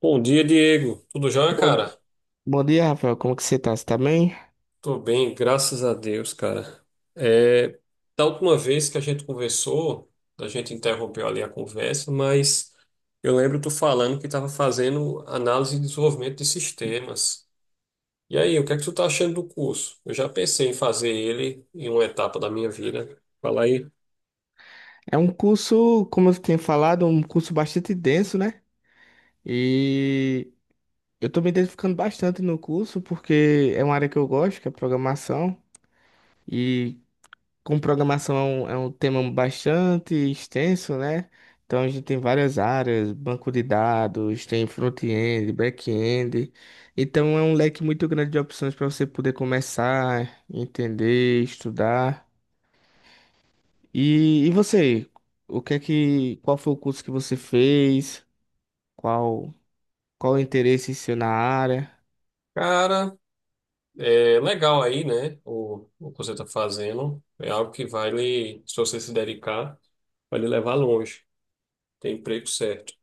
Bom dia, Diego. Tudo já, Bom, cara? bom dia, Rafael. Como que você tá? Você tá bem? Tô bem, graças a Deus, cara. É, da última vez que a gente conversou, a gente interrompeu ali a conversa, mas eu lembro tu falando que estava fazendo análise e desenvolvimento de sistemas. E aí, o que é que tu tá achando do curso? Eu já pensei em fazer ele em uma etapa da minha vida. Fala aí. É um curso, como eu tenho falado, um curso bastante denso, né? E eu tô me identificando bastante no curso porque é uma área que eu gosto, que é programação. E com programação é um tema bastante extenso, né? Então a gente tem várias áreas, banco de dados, tem front-end, back-end. Então é um leque muito grande de opções para você poder começar, entender, estudar. E você? O que é que, qual foi o curso que você fez? Qual, qual o interesse seu na área? Cara, é legal aí, né? O que você tá fazendo é algo que vai lhe, se você se dedicar, vai lhe levar longe. Tem emprego certo.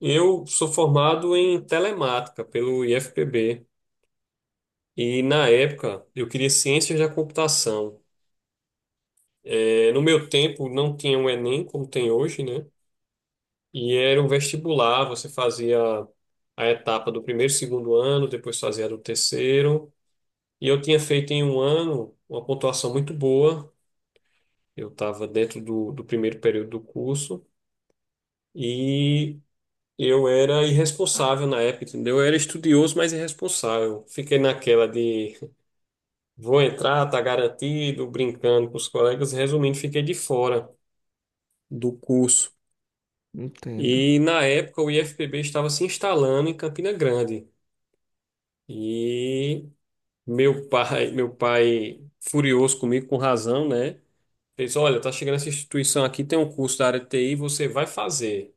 Eu sou formado em telemática pelo IFPB. E na época eu queria ciências da computação. É, no meu tempo não tinha o Enem como tem hoje, né? E era um vestibular, você fazia a etapa do primeiro e segundo ano, depois fazia a do terceiro. E eu tinha feito em um ano uma pontuação muito boa. Eu estava dentro do primeiro período do curso. E eu era irresponsável na época, entendeu? Eu era estudioso, mas irresponsável. Fiquei naquela de vou entrar, tá garantido, brincando com os colegas. Resumindo, fiquei de fora do curso. Entendo, E na época o IFPB estava se instalando em Campina Grande. E meu pai furioso comigo, com razão, né? Fez, olha, tá chegando essa instituição aqui, tem um curso da área de TI, você vai fazer.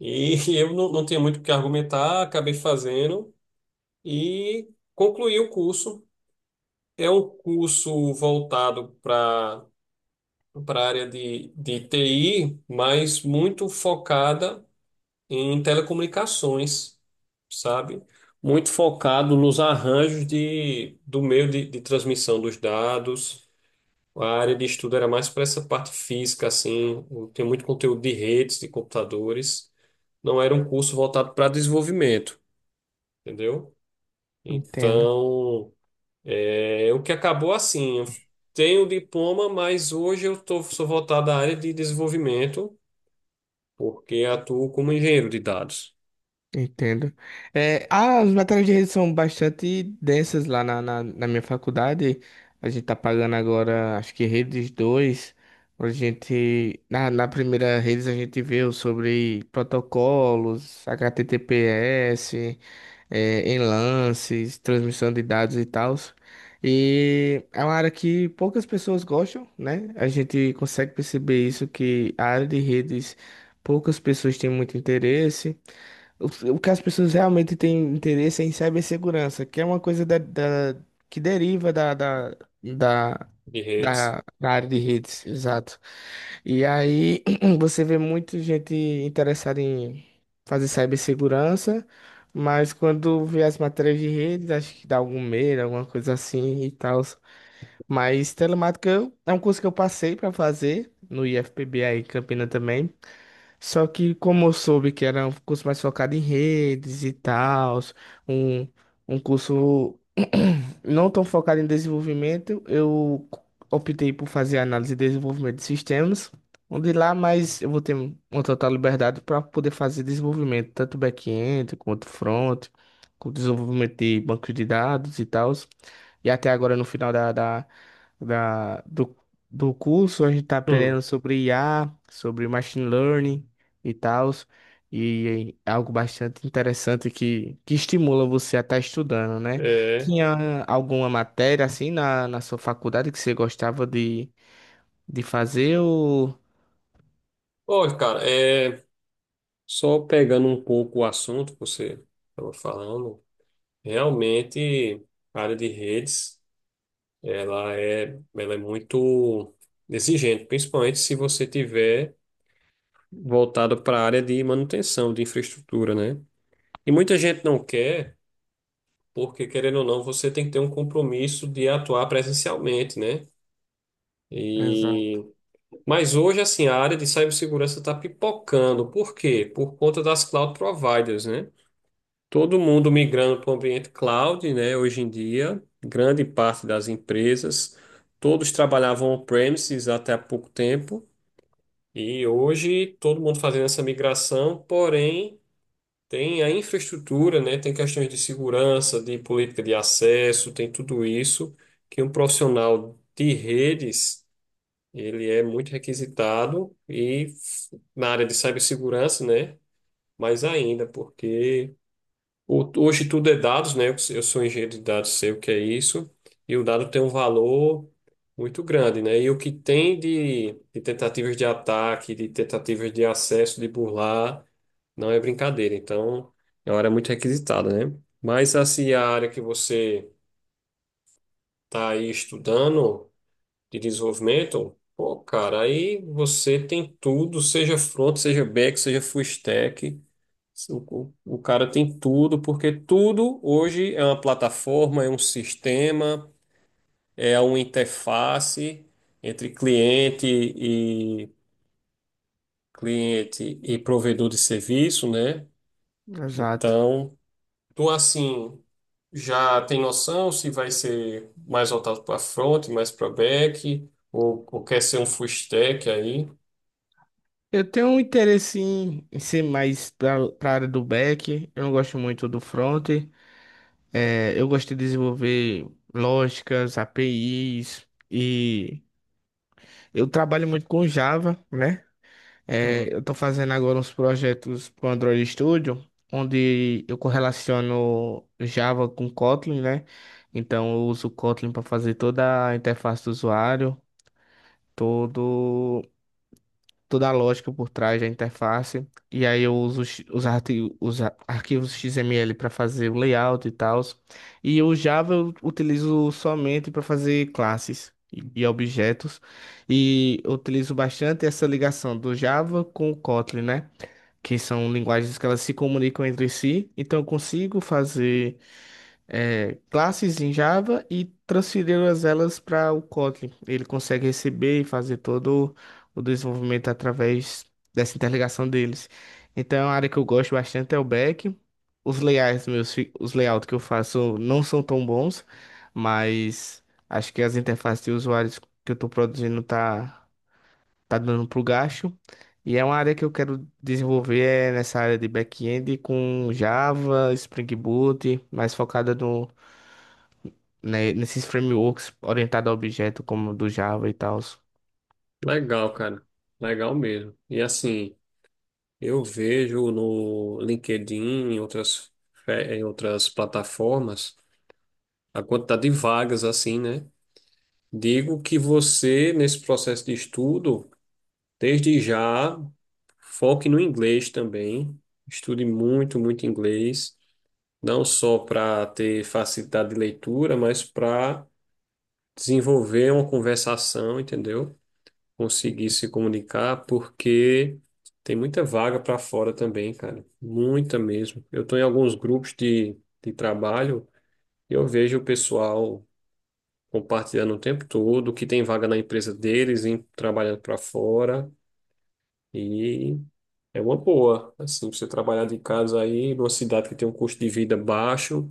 E eu não, não tinha muito o que argumentar, acabei fazendo. E concluí o curso. É um curso voltado para a área de TI, mas muito focada em telecomunicações, sabe? Muito focado nos arranjos do meio de transmissão dos dados. A área de estudo era mais para essa parte física, assim, tem muito conteúdo de redes, de computadores. Não era um curso voltado para desenvolvimento, entendeu? entendo. Então, é, o que acabou assim, eu tenho o diploma, mas hoje sou voltado à área de desenvolvimento, porque atuo como engenheiro de dados, Entendo. É, as matérias de rede são bastante densas lá na minha faculdade. A gente tá pagando agora, acho que redes dois. A gente, na primeira redes a gente viu sobre protocolos, HTTPS, enlaces, transmissão de dados e tal. E é uma área que poucas pessoas gostam, né? A gente consegue perceber isso, que a área de redes, poucas pessoas têm muito interesse. O, o que as pessoas realmente têm interesse é em cibersegurança, que é uma coisa da, da- que deriva da, da, da, de redes. da, da área de redes, exato. E aí você vê muita gente interessada em fazer cibersegurança, mas quando vê as matérias de redes, acho que dá algum medo, alguma coisa assim e tal. Mas é um curso que eu passei para fazer no IFPB aí, em Campina também. Só que como eu soube que era um curso mais focado em redes e tal, um, um curso não tão focado em desenvolvimento, eu optei por fazer análise e desenvolvimento de sistemas, onde lá mais eu vou ter uma total liberdade para poder fazer desenvolvimento, tanto back-end quanto front, com desenvolvimento de banco de dados e tal. E até agora no final da- do, do curso a gente está Hum, aprendendo sobre IA, sobre machine learning e tal. E é algo bastante interessante que estimula você a estar estudando, né? é. Tinha alguma matéria assim na sua faculdade que você gostava de fazer ou... Olha, cara, é, só pegando um pouco o assunto que você estava falando, realmente a área de redes, ela é muito exigente, principalmente se você tiver voltado para a área de manutenção de infraestrutura, né? E muita gente não quer porque querendo ou não, você tem que ter um compromisso de atuar presencialmente, né? Exato. E mas hoje assim, a área de cibersegurança está pipocando. Por quê? Por conta das cloud providers, né? Todo mundo migrando para o ambiente cloud, né? Hoje em dia, grande parte das empresas, todos trabalhavam on-premises até há pouco tempo. E hoje todo mundo fazendo essa migração, porém tem a infraestrutura, né? Tem questões de segurança, de política de acesso, tem tudo isso que um profissional de redes, ele é muito requisitado e na área de cibersegurança, né? Mais ainda, porque hoje tudo é dados, né? Eu sou engenheiro de dados, sei o que é isso. E o dado tem um valor muito grande, né? E o que tem de tentativas de ataque, de tentativas de acesso, de burlar, não é brincadeira. Então, é uma área muito requisitada, né? Mas, assim, a área que você está aí estudando de desenvolvimento, pô, cara, aí você tem tudo, seja front, seja back, seja full stack. O cara tem tudo, porque tudo hoje é uma plataforma, é um sistema, é uma interface entre cliente e provedor de serviço, né? Exato. Então, tu assim já tem noção se vai ser mais voltado para front, mais para back, ou quer ser um full stack aí? Eu tenho um interesse em ser mais para a área do back. Eu não gosto muito do front. Eu gosto de desenvolver lógicas, APIs e eu trabalho muito com Java, né? Hum. Eu estou fazendo agora uns projetos para o Android Studio, onde eu correlaciono Java com Kotlin, né? Então eu uso Kotlin para fazer toda a interface do usuário, todo, toda a lógica por trás da interface. E aí eu uso os arquivos XML para fazer o layout e tal. E o Java eu utilizo somente para fazer classes e objetos. E eu utilizo bastante essa ligação do Java com o Kotlin, né? Que são linguagens que elas se comunicam entre si. Então, eu consigo fazer classes em Java e transferi-las elas para o Kotlin. Ele consegue receber e fazer todo o desenvolvimento através dessa interligação deles. Então, a área que eu gosto bastante é o back. Os layouts que eu faço não são tão bons, mas acho que as interfaces de usuários que eu estou produzindo tá dando pro gasto. E é uma área que eu quero desenvolver é nessa área de back-end com Java, Spring Boot, mais focada no, né, nesses frameworks orientado a objeto como do Java e tal. Legal, cara. Legal mesmo. E assim. Eu vejo no LinkedIn, em outras, em outras plataformas, a quantidade de vagas assim, né? Digo que você, nesse processo de estudo, desde já, foque no inglês também. Estude muito, muito inglês, não só para ter facilidade de leitura, mas para desenvolver uma conversação, entendeu? Conseguir se comunicar, porque tem muita vaga para fora também, cara. Muita mesmo. Eu estou em alguns grupos de trabalho e eu vejo o pessoal compartilhando o tempo todo, que tem vaga na empresa deles, trabalhando para fora. E é uma boa. Assim, você trabalhar de casa aí, numa cidade que tem um custo de vida baixo,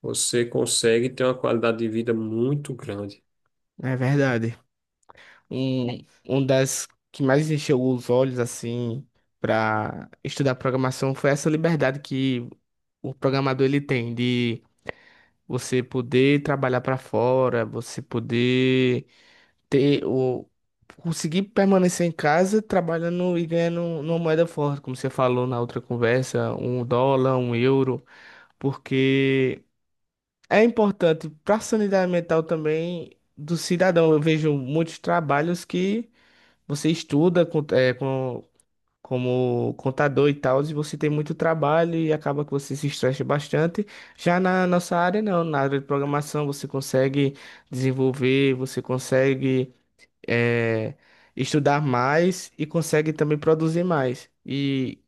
você consegue ter uma qualidade de vida muito grande. É verdade. Um das que mais encheu os olhos assim para estudar programação foi essa liberdade que o programador ele tem de você poder trabalhar para fora, você poder ter o conseguir permanecer em casa trabalhando e ganhando uma moeda forte, como você falou na outra conversa, um dólar, um euro, porque é importante para a sanidade mental também do cidadão. Eu vejo muitos trabalhos que você estuda como contador e tal, e você tem muito trabalho e acaba que você se estressa bastante. Já na nossa área, não. Na área de programação, você consegue desenvolver, você consegue é, estudar mais e consegue também produzir mais. E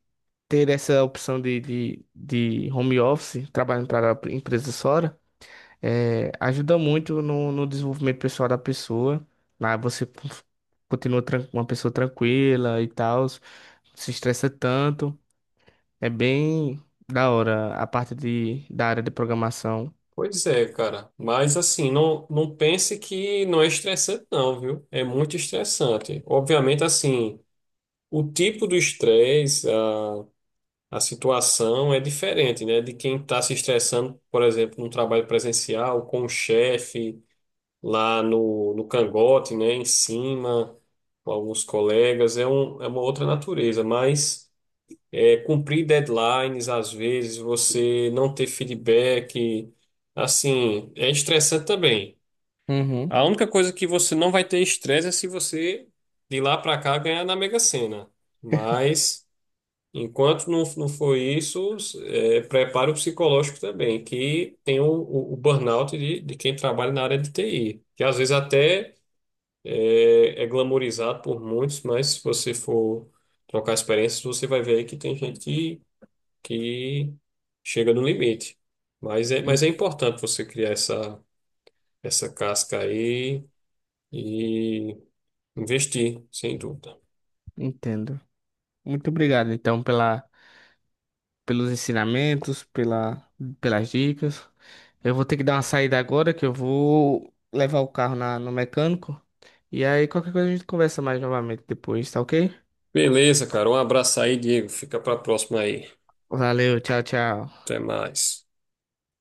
ter essa opção de home office, trabalhando para a empresa Sora, ajuda muito no desenvolvimento pessoal da pessoa. Lá você continua uma pessoa tranquila e tal, se estressa tanto. É bem da hora a parte da área de programação. Pois é, cara. Mas assim, não, não pense que não é estressante, não, viu? É muito estressante. Obviamente, assim, o tipo do estresse, a situação é diferente, né? De quem está se estressando, por exemplo, num trabalho presencial, com o chefe, lá no cangote, né? Em cima, com alguns colegas. É uma outra natureza, mas é, cumprir deadlines, às vezes, você não ter feedback, assim, é estressante também. Uhum. A única coisa que você não vai ter estresse é se você, de lá para cá, ganhar na Mega Sena. Mas, enquanto não, não for isso, é, preparo psicológico também, que tem o burnout de quem trabalha na área de TI, que às vezes até é glamorizado por muitos, mas se você for trocar experiências, você vai ver aí que tem gente que chega no limite. Mas é, En- mas é importante você criar essa, casca aí e investir, sem dúvida. Entendo. Muito obrigado, então, pela pelos ensinamentos, pelas dicas. Eu vou ter que dar uma saída agora, que eu vou levar o carro no mecânico. E aí, qualquer coisa a gente conversa mais novamente depois, tá ok? Beleza, cara. Um abraço aí, Diego. Fica para a próxima aí. Valeu, tchau, tchau. Até mais.